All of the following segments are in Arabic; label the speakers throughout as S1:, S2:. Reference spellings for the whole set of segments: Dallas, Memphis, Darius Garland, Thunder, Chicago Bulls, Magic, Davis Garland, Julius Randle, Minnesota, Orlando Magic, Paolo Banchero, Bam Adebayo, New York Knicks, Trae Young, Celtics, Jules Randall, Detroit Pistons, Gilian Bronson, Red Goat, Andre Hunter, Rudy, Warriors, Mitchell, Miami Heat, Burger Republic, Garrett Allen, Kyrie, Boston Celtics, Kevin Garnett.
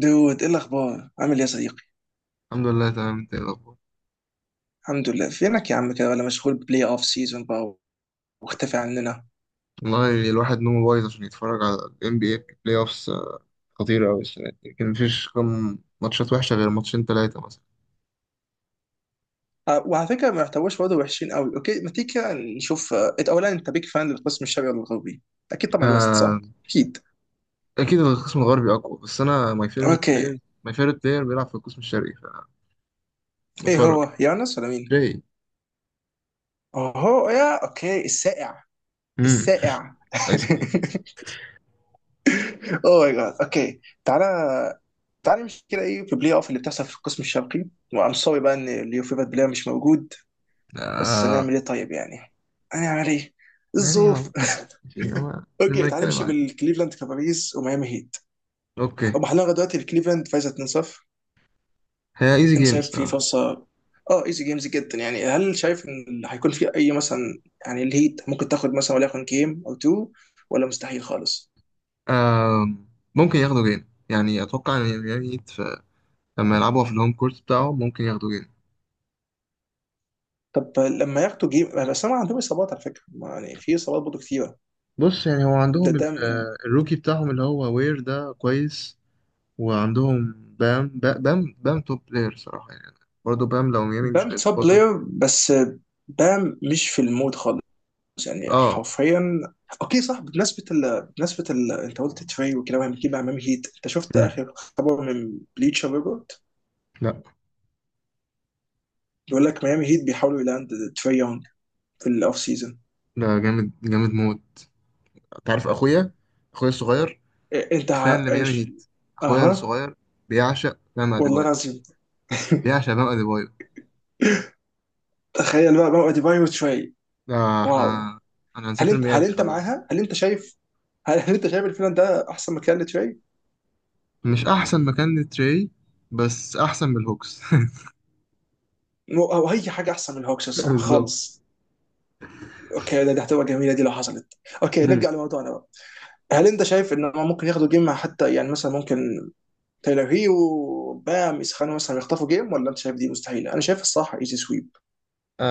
S1: دود، ايه الاخبار؟ عامل ايه يا صديقي؟
S2: الحمد لله تمام. انت ايه الاخبار؟
S1: الحمد لله. فينك يا عم؟ كده ولا مشغول بلاي اوف سيزون بقى واختفي عننا؟
S2: والله الواحد نومه بايظ عشان يتفرج على ال NBA بلاي اوفس. خطيرة أوي السنة دي، كان مفيش كم ماتشات وحشة غير ماتشين تلاتة مثلا.
S1: وعلى فكره ما يحتواش برضه وحشين قوي. اوكي، ما تيجي كده نشوف. انت اولا، انت بيك فان للقسم الشرقي ولا الغربي؟ اكيد طبعا الوست،
S2: آه،
S1: صح؟ اكيد.
S2: أكيد القسم الغربي أقوى، بس أنا ماي فيفرت
S1: اوكي.
S2: بلاير ماي فيفرت بلاير بيلعب في القسم الشرقي
S1: ايه،
S2: فبتفرج.
S1: هو يانس ولا مين؟
S2: جاي.
S1: اوه يا اوكي، السائع.
S2: امم.
S1: السائع.
S2: هاي سكول.
S1: اوه ماي جاد. اوكي، تعالى. تعالى نمشي كده. ايه في بلاي اوف اللي بتحصل في القسم الشرقي؟ وام، سوري بقى ان اليوفيفا بلاير مش موجود، بس
S2: آه.
S1: نعمل ايه طيب يعني؟ هنعمل ايه؟
S2: يعني
S1: الظروف.
S2: والله شيء هو
S1: اوكي،
S2: لما
S1: تعال
S2: نتكلم
S1: نمشي
S2: عليه.
S1: بالكليفلاند كافاليز وميامي هيت.
S2: أوكي.
S1: هم حاليا لغايه دلوقتي الكليفلاند فايزه 2-0.
S2: هي ايزي
S1: انت
S2: جيم
S1: شايف في
S2: الصراحة.
S1: فرصه؟ اه، ايزي جيمز جدا. يعني هل شايف ان هيكون في اي مثلا؟ يعني الهيت ممكن تاخد مثلا وليكن جيم او تو، ولا مستحيل خالص؟
S2: آه، ممكن ياخدوا جيم. يعني أتوقع إن اليابانيين لما يلعبوا في الهوم كورت بتاعهم ممكن ياخدوا جيم.
S1: طب لما ياخدوا جيم، بس هم عندهم اصابات على فكره. ما يعني في اصابات برضه كتيره.
S2: بص يعني هو
S1: ده
S2: عندهم
S1: ده
S2: الروكي بتاعهم اللي هو وير ده كويس. وعندهم بام بام توب بلاير صراحة يعني. برضه بام لو ميامي
S1: بام
S2: مش
S1: توب
S2: هيظبطه.
S1: بلاير بس. بام مش في المود خالص، يعني
S2: اه.
S1: حرفيا. اوكي، صح. بمناسبه بمناسبه انت قلت تري وكده وهنجيب مع ميامي هيت، انت شفت
S2: مم.
S1: اخر خبر من بليتشر ريبورت؟
S2: لا،
S1: بيقول لك ميامي هيت بيحاولوا يلاند تري يونج في الاوف سيزون.
S2: لا جامد جامد موت. انت عارف اخويا، اخويا الصغير
S1: إيه، انت
S2: فان
S1: ع-
S2: لميامي
S1: إيش-
S2: هيت. اخويا
S1: اها.
S2: الصغير بيعشق بام
S1: والله
S2: اديبايو،
S1: العظيم.
S2: بيعشق بام اديبايو.
S1: تخيل بقى ديباي وتري.
S2: لا
S1: واو.
S2: احنا، انا هنسافر ميامي خلاص.
S1: هل انت شايف؟ هل انت شايف الفيلم ده احسن مكان لتري؟
S2: مش احسن مكان لتري، بس احسن من الهوكس.
S1: او اي حاجه احسن من الهوكس الصراحه
S2: بالظبط.
S1: خالص. اوكي، ده هتبقى جميله دي لو حصلت. اوكي، نرجع لموضوعنا. هل انت شايف ان هم ممكن ياخدوا جيم؟ مع حتى يعني مثلا ممكن تايلر هي وبام يسخنوا مثلا يخطفوا جيم، ولا انت شايف دي مستحيله؟ انا شايف الصح ايزي سويب.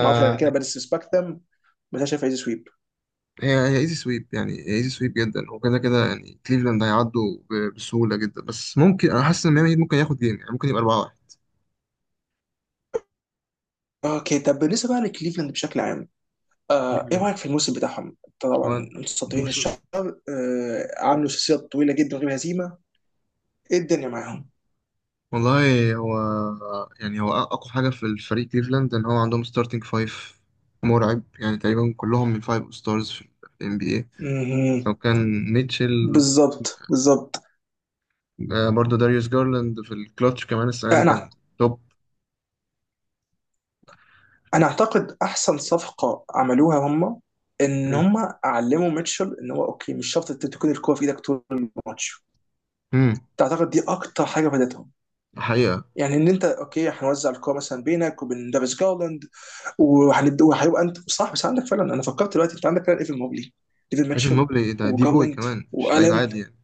S1: ما اعرفش، انا كده بديسبكت ذم، بس انا شايف ايزي سويب.
S2: هي ايزي سويب يعني ايزي سويب جدا، وكده كده يعني كليفلاند هيعدوا بسهوله جدا، بس ممكن انا حاسس ان ميامي هيت ممكن ياخد جيم، يعني ممكن يبقى 4-1.
S1: اوكي طب، بالنسبه بقى لكليفلاند بشكل عام، ايه
S2: كليفلاند
S1: رايك في الموسم بتاعهم؟ طبعا
S2: هو
S1: متصدرين
S2: الموسم.
S1: الشهر. عملوا سلسله طويله جدا من غير هزيمه. ايه الدنيا معاهم؟
S2: والله هو يعني هو اقوى حاجه في الفريق كليفلاند ان هو عندهم ستارتنج فايف مرعب، يعني تقريبا كلهم من فايف ستارز في ال NBA. لو
S1: مهم.
S2: كان ميتشل.
S1: بالظبط، بالظبط.
S2: برضه داريوس جارلاند في الكلاتش كمان السنه دي
S1: انا
S2: كان توب.
S1: انا اعتقد احسن صفقه عملوها هم ان هم علموا ميتشل ان هو اوكي، مش شرط انت تكون الكوره في ايدك طول الماتش.
S2: امم.
S1: تعتقد دي اكتر حاجه فادتهم؟
S2: حقيقه.
S1: يعني ان انت اوكي، هنوزع الكوره مثلا بينك وبين دافيس جارلاند وهنبدا وهيبقى انت صح، بس عندك فعلا. انا فكرت دلوقتي، انت عندك فعلا ايفن موبلي، ايفن
S2: ايفن
S1: ميتشل،
S2: موبلي ده دي بوي
S1: وجارلاند
S2: كمان مش لعيب
S1: والان.
S2: عادي يعني.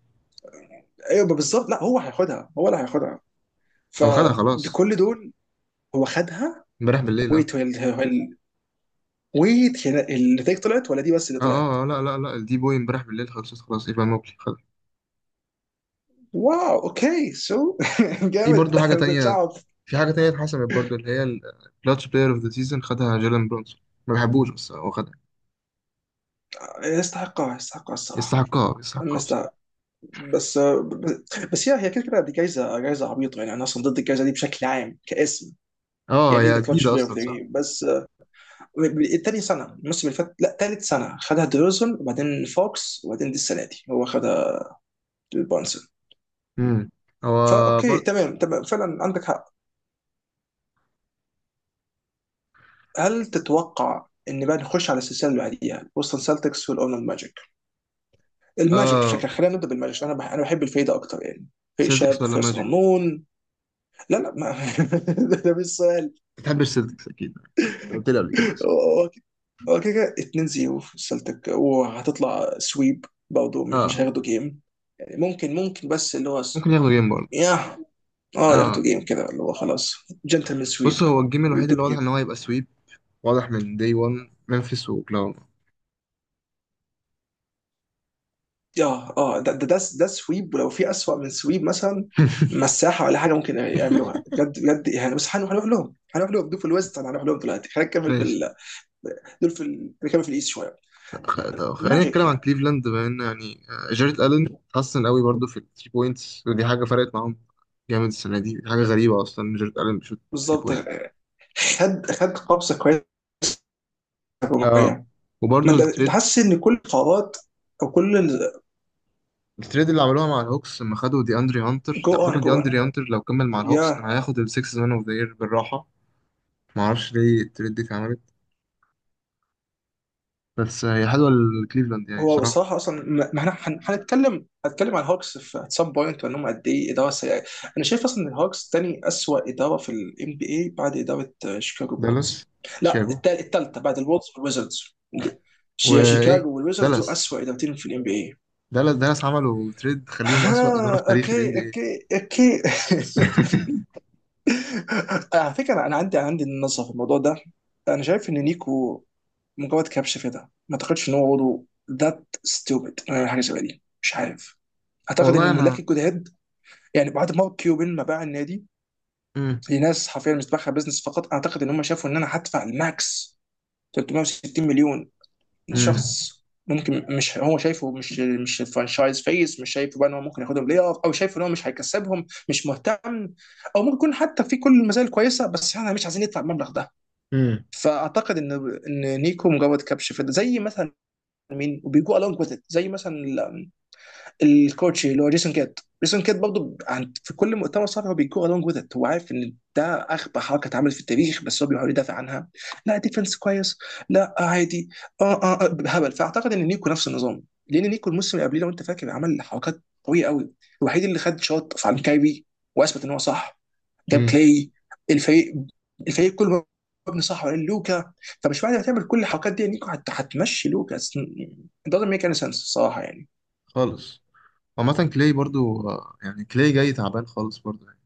S1: ايوه بالظبط. لا هو هياخدها، هو اللي هياخدها،
S2: هو خدها خلاص
S1: فكل دول. هو خدها.
S2: امبارح بالليل اه.
S1: ويت هل- هل- النتائج طلعت ولا دي بس اللي طلعت؟
S2: لا لا لا، الدي بوي امبارح بالليل خلصت خلاص، ايفان موبلي خد.
S1: واو، اوكي سو
S2: في
S1: جامد،
S2: برضه حاجة
S1: ما كنتش
S2: تانية،
S1: اعرف.
S2: في حاجة تانية اتحسمت برضه اللي هي الكلاتش بلاير اوف ذا سيزون، خدها جيلان برونسون. ما بحبوش بس هو خدها.
S1: يستحقها، يستحقها الصراحه.
S2: يستحقها
S1: أنا
S2: يستحقها بصراحة.
S1: استحق، بس. بس هي هي كده كده دي جايزه، جايزه عبيطه يعني، انا اصلا ضد الجايزه دي بشكل عام كاسم.
S2: اه،
S1: يعني
S2: هي
S1: ذا كلتش
S2: جديدة
S1: بلاير اوف
S2: أصلا
S1: ذا
S2: صح؟
S1: جيم، بس الثاني سنه، الموسم اللي فات، لا ثالث سنه، خدها ديروزن، وبعدين فوكس، وبعدين دي السنه دي هو خدها، بونسون.
S2: امم. هو
S1: فاوكي
S2: برضه.
S1: تمام، تمام، فعلا عندك حق. هل تتوقع ان بقى نخش على السلسله اللي بعديها، بوستن سلتكس والاورلاند ماجيك؟ الماجيك
S2: اه.
S1: بشكل، خلينا نبدا بالماجيك عشان انا بح انا بحب الفايده اكتر يعني. فايق
S2: سيلتكس
S1: شاب،
S2: ولا
S1: فايق
S2: ماجيك؟
S1: صغنون. لا لا ما ده مش سؤال.
S2: ما بتحبش سيلتكس أكيد، قلت لي قبل كده أصلا.
S1: هو هو كده كده 2 0 سلتك وهتطلع سويب برضه، مش
S2: اه.
S1: مش هياخدوا جيم. يعني ممكن، ممكن، بس اللي هو
S2: ممكن ياخدوا جيم برضه.
S1: ياه، اه ياخدوا
S2: اه.
S1: جيم، كده اللي هو خلاص جنتلمان
S2: بص
S1: سويب.
S2: هو الجيم الوحيد اللي
S1: يدوم
S2: واضح
S1: جيم.
S2: إن هو هيبقى سويب، واضح من داي 1، ممفيس وأوكلاهوما.
S1: اه اه ده ده سويب، ولو في اسوأ من سويب مثلا، مساحه ولا حاجه ممكن يعملوها بجد بجد يعني. بس هنروح لهم دول في الويست، هنروح لهم دلوقتي. خلينا نكمل في
S2: ماشي.
S1: دول في اللي كانوا في الايست شويه.
S2: طب خلينا نتكلم
S1: ماجيك.
S2: عن كليفلاند بما ان يعني، جاريت الن حسن قوي برضو في الثري بوينتس، ودي حاجه فرقت معاهم جامد السنه دي. دي حاجه غريبه اصلا إن جاريت الن بيشوط ثري
S1: بالظبط.
S2: بوينت.
S1: خد، خد قبضه كويسه
S2: اه.
S1: هجوميه. ما
S2: وبرضو
S1: انت
S2: التريد،
S1: حاسس ان كل القرارات او كل،
S2: التريد اللي عملوها مع الهوكس لما خدوا دي اندري هانتر.
S1: جو
S2: أنت على
S1: اون
S2: فكره
S1: جو
S2: دي
S1: اون
S2: اندري هانتر لو كمل مع
S1: يا.
S2: الهوكس كان هياخد السكس مان اوف ذا يير بالراحه. ما اعرفش ليه التريد دي اتعملت، بس هي حلوه لكليفلاند يعني
S1: هو
S2: صراحه.
S1: الصراحه اصلا، ما احنا هنتكلم عن هوكس في سام بوينت، وان هم قد ايه اداره سيئه. انا شايف اصلا ان هوكس تاني اسوء اداره في الام بي اي بعد اداره شيكاغو
S2: دالاس.
S1: بولز. لا
S2: شيكاغو.
S1: التالتة بعد الولز والويزردز.
S2: آه، وايه،
S1: شيكاغو والويزردز. دول
S2: دالاس،
S1: اسوء ادارتين في الام بي اي.
S2: دالاس. دالاس عملوا تريد خليهم
S1: ها
S2: اسوأ اداره في تاريخ الان بي
S1: اوكي،
S2: اي.
S1: اوكي، اوكي. على فكره، انا عندي نظره في الموضوع ده. انا شايف ان نيكو مجرد كبش في ده. ما اعتقدش ان هو برضه ذات ستوبد انه يعمل حاجه شبه دي، مش عارف. اعتقد ان
S2: والله
S1: الملاك
S2: انا.
S1: الجداد يعني، بعد ما كيوبن ما باع النادي
S2: امم.
S1: لناس حرفيا مش دماغها بزنس فقط، اعتقد ان هم شافوا ان انا هدفع الماكس، 360 مليون
S2: امم.
S1: شخص ممكن، مش هو شايفه، مش مش فرانشايز فيس، مش شايفه بقى ان هو ممكن ياخدهم بلاي اوف، او شايفه ان هو مش هيكسبهم، مش مهتم. او ممكن يكون حتى في كل المزايا الكويسه، بس احنا مش عايزين ندفع المبلغ ده.
S2: امم.
S1: فاعتقد ان نيكو مجرد كبش فيدا، زي مثلا مين، وبيجو الونج وذ، زي مثلا الكوتش اللي هو جيسون كيت. جيسون كيت برضه عند في كل مؤتمر صحفي هو بيجو along with it. هو عارف ان ده اغبى حركه اتعملت في التاريخ، بس هو بيحاول يدافع عنها. لا ديفنس كويس، لا عادي، اه اه هبل. فاعتقد ان نيكو نفس النظام، لان نيكو الموسم اللي قبليه، لو انت فاكر، عمل حركات قويه قوي. الوحيد اللي خد شوت عن كايري واثبت ان هو صح. جاب
S2: امم.
S1: كلاي. الفريق الفريق كله مبني صح ولا لوكا؟ فمش بعد ما تعمل كل الحركات دي نيكو هتمشي لوكا. It doesn't make any sense الصراحه يعني.
S2: خالص. عامة كلاي برضو، يعني كلاي جاي تعبان خالص برضو يعني،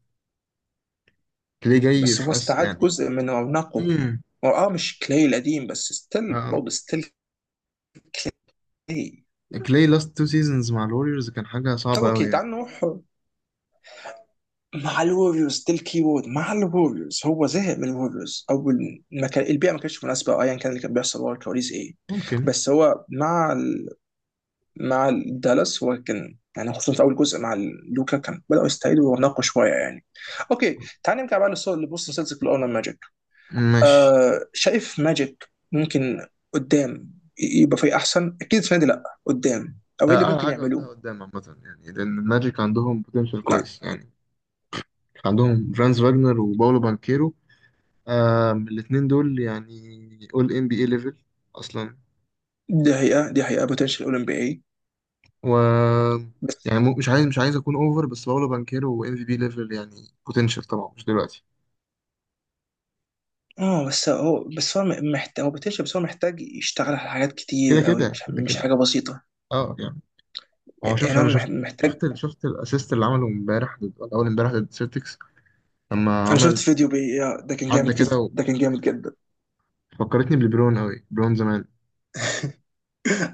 S2: كلاي جاي
S1: بس هو
S2: في أس
S1: استعاد
S2: يعني.
S1: جزء من رونقه.
S2: امم.
S1: هو اه مش كلاي القديم، بس ستيل
S2: اه.
S1: برضه، ستيل كلاي.
S2: كلاي لاست تو سيزونز مع الوريورز كان حاجة
S1: هو
S2: صعبة أوي
S1: اوكي،
S2: يعني.
S1: تعال نروح. مع الوريوز ستيل كيبورد. مع الوريوز هو زهق من الوريوز، اول ما كان البيئه ما كانتش مناسبه، او ايا كان اللي كان بيحصل ورا الكواليس ايه.
S2: ممكن.
S1: بس هو مع مع دالاس هو كان يعني، خصوصا في اول جزء مع لوكا، كان بداوا يستعيدوا رونقه شويه يعني. اوكي، تعال نرجع بقى للصور اللي بص، لسلسله الاونر ماجيك.
S2: ماشي.
S1: آه، شايف ماجيك ممكن قدام يبقى فريق احسن اكيد السنه دي؟ لا قدام، او ايه
S2: آه،
S1: اللي
S2: أعلى
S1: ممكن
S2: حاجة قلتها
S1: يعملوه؟
S2: قدام عامة، يعني لأن الماجيك عندهم بوتنشال
S1: لا
S2: كويس يعني، عندهم فرانز فاجنر وباولو بانكيرو. آه الاتنين دول يعني أول إن بي إيه ليفل أصلا.
S1: دي حقيقه، دي حقيقه، بوتنشال اولمبي اي.
S2: و،
S1: بس،
S2: يعني مش عايز، مش عايز اكون اوفر بس باولو بانكيرو ام في بي ليفل يعني بوتنشال، طبعا مش دلوقتي.
S1: اه بس هو محتاج. هو بوتنشال، بس هو محتاج يشتغل على حاجات
S2: كده
S1: كتير قوي،
S2: كده
S1: مش
S2: كده
S1: مش
S2: كده.
S1: حاجه بسيطه.
S2: اه يعني. هو
S1: يعني
S2: شوف انا شفت،
S1: محتاج.
S2: شفت شفت الاسيست اللي عمله امبارح ضد، ولا اول امبارح ضد سيلتكس، لما
S1: انا شفت
S2: عمل،
S1: فيديو بي، ده كان
S2: عدى
S1: جامد جدا،
S2: كده،
S1: ده كان جامد جدا.
S2: وفكرتني بليبرون قوي، بليبرون زمان.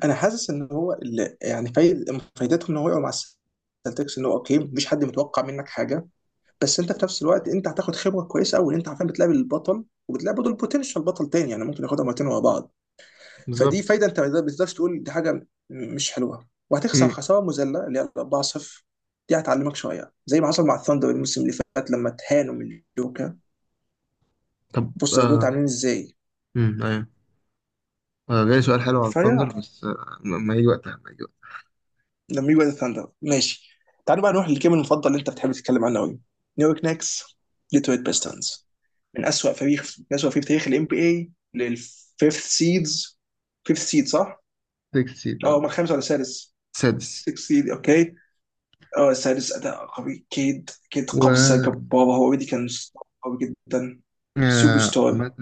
S1: انا حاسس ان هو اللي يعني فايدتهم ان هو يقع مع السلتكس، ان هو اوكي، مفيش حد متوقع منك حاجه، بس انت في نفس الوقت انت هتاخد خبره كويسه قوي. انت عارفين بتلعب البطل، وبتلعب برضه البوتنشال بطل تاني. يعني ممكن ياخدها مرتين ورا بعض. فدي
S2: بالظبط.
S1: فايده، انت ما بتقدرش تقول دي حاجه مش حلوه. وهتخسر
S2: امم.
S1: خساره مذله اللي هي 4-0، دي هتعلمك شويه، زي ما حصل مع الثاندر الموسم اللي فات لما اتهانوا من الجوكر.
S2: طب
S1: بص دول
S2: آه.
S1: عاملين ازاي
S2: امم، ايوه. آه جاي سؤال حلو على
S1: فيا
S2: الثاندر بس آه، ما يجي وقتها ما يجي.
S1: لما يجوا ثاندر، ماشي. تعالوا بقى نروح للجيم المفضل اللي انت بتحب تتكلم عنه قوي، نيويورك نيكس ديترويت بيستنز. من اسوأ فريق، من اسوأ فريق في تاريخ الام بي اي للفيفث سيدز. فيفث سيد، صح؟
S2: وقتها 6
S1: اه،
S2: ده.
S1: هم الخامس ولا السادس؟
S2: سادس.
S1: السكس سيد، اوكي. اه السادس، اداء قوي. كيد، كيد
S2: و،
S1: قفزه جباره، هو اوريدي كان قوي جدا. سوبر ستار.
S2: عامة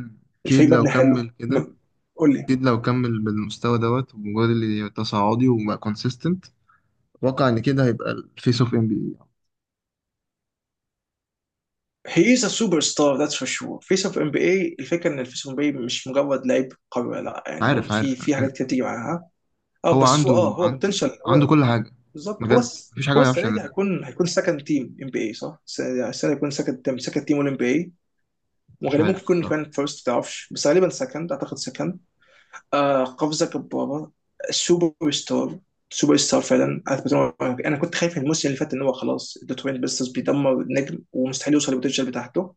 S2: كيد
S1: الفريق
S2: لو
S1: مبني حلو
S2: كمل كده،
S1: قول لي.
S2: اكيد لو كمل بالمستوى دوت ومجرد اللي تصاعدي وبقى كونسيستنت، اتوقع ان كده هيبقى الفيس اوف ام بي اي.
S1: هي از سوبر ستار، ذاتس فور شور. فيس اوف ام بي اي، الفكره ان الفيس اوف ام بي اي مش مجرد لعيب قوي لا، يعني برضه
S2: عارف،
S1: في
S2: عارف انا
S1: في
S2: فاهم.
S1: حاجات كتير بتيجي معاها. اه
S2: هو
S1: بس هو، اه
S2: عنده،
S1: هو
S2: عنده،
S1: بوتنشال
S2: عنده
S1: هو.
S2: كل حاجه.
S1: بالظبط. هو
S2: بجد مفيش حاجه
S1: هو
S2: ما يعرفش
S1: السنه دي
S2: يعملها.
S1: هيكون، هيكون سكند تيم ام بي اي، صح؟ السنه دي، السنة دي هيكون سكند تيم، سكند تيم والام بي اي.
S2: مش
S1: وغالبا
S2: عارف
S1: ممكن يكون
S2: الصراحه.
S1: كمان فيرست، ما تعرفش، بس غالبا سكند، اعتقد سكند. آه، قفزه جباره. سوبر ستار، سوبر ستار فعلا. أثبت إن انا كنت خايف الموسم اللي فات ان هو خلاص الدوتوين بيسترز بيدمر النجم، ومستحيل يوصل للبوتنشال بتاعته.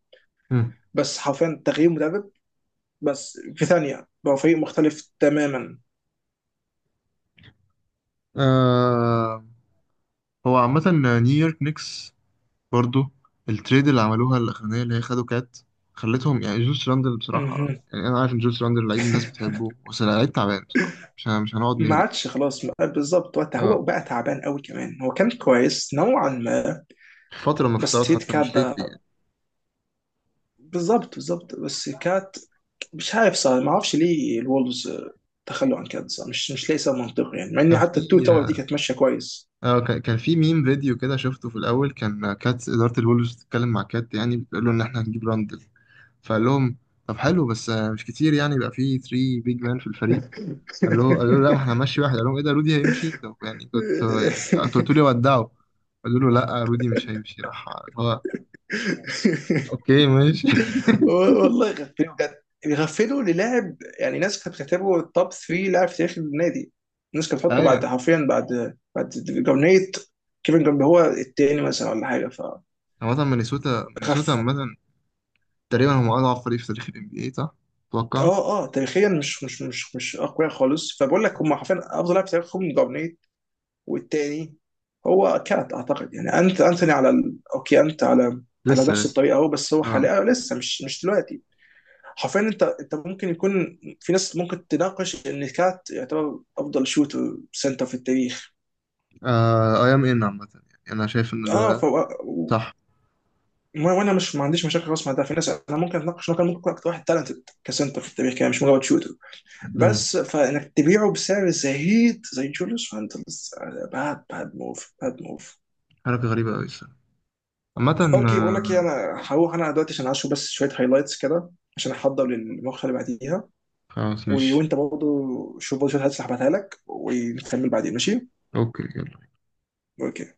S2: مم.
S1: بس حرفيا تغيير مدرب، بس في ثانيه بقى فريق مختلف تماما.
S2: آه. هو عامه نيويورك نيكس برضو، التريد اللي عملوها الاخرانيه اللي هي خدوا كات، خلتهم يعني جولس راندل بصراحه،
S1: مهم.
S2: يعني انا عارف ان جولس راندل لعيب الناس بتحبه، بس لعيب تعبان بصراحه، مش مش هنقعد
S1: ما
S2: نهري كتير.
S1: عادش خلاص بالظبط. وقتها
S2: اه،
S1: هو بقى تعبان قوي كمان، هو كان كويس نوعا ما.
S2: فتره من
S1: بس
S2: الفترات
S1: تريد
S2: حتى
S1: كات
S2: مش
S1: ده،
S2: ليتلي.
S1: بالظبط بالظبط، بس كات، مش عارف صار، ما اعرفش ليه الولفز تخلوا عن كات. صار مش مش ليه صار منطقي يعني، مع ان
S2: كان
S1: حتى التو
S2: في،
S1: تاور دي كانت ماشيه كويس.
S2: اه، كان في ميم فيديو كده شفته في الاول، كان كات اداره الولفز بتتكلم مع كات يعني، بتقول له ان احنا هنجيب راندل، فقال لهم طب حلو، بس مش كتير يعني، يبقى في 3 بيج مان في الفريق. قال له، قال له لا ما احنا هنمشي واحد، قال لهم ايه ده؟ رودي هيمشي؟ طب يعني كنت، يعني كنت قلت لي ودعه. قالوا له لا رودي مش هيمشي، راح هو اوكي ماشي.
S1: والله يغفلوا بجد، يغفلوا للاعب يعني ناس كانت بتعتبره التوب 3 لاعب في تاريخ النادي. الناس كانت بتحطه بعد
S2: ايوه.
S1: حرفيا بعد، بعد جارنيت، كيفن جارنيت هو التاني مثلا ولا حاجه. ف
S2: عامة مينيسوتا، مينيسوتا
S1: غف...
S2: عامة تقريبا هم اضعف فريق في تاريخ ال NBA صح؟ اتوقع.
S1: اه اه تاريخيا، مش مش مش مش اقوياء خالص. فبقول لك هم حرفيا افضل لاعب في تاريخهم جارنيت، والتاني هو كات اعتقد. يعني انت انتوني على اوكي، انت على على
S2: لسه
S1: نفس
S2: لسه.
S1: الطريقه اهو، بس هو حاليا لسه مش، مش دلوقتي. حرفيا انت، انت ممكن يكون في ناس ممكن تناقش ان كات يعتبر افضل شوتر سنتر في التاريخ.
S2: اه اي ام ان عامة، يعني انا شايف ان
S1: اه ف،
S2: ده صح.
S1: وانا مش، ما عنديش مشاكل خالص مع ده، في ناس انا ممكن اتناقش انه كان ممكن يكون اكتر واحد تالنتد كسنتر في التاريخ، كان مش مجرد شوتر.
S2: امم.
S1: بس فانك تبيعه بسعر زهيد زي جوليوس فانتلز، باد، باد موف، باد موف.
S2: حركة غريبة أوي الصراحة. عامة.
S1: اوكي، بقول لك ايه،
S2: آه.
S1: انا هروح انا دلوقتي عشان اشوف بس شويه هايلايتس كده، عشان احضر للمقطع اللي بعديها.
S2: خلاص ماشي.
S1: وانت برضه شوف برضه شويه، هتسحبها لك ونكمل بعدين، ماشي؟
S2: أوكي.
S1: اوكي.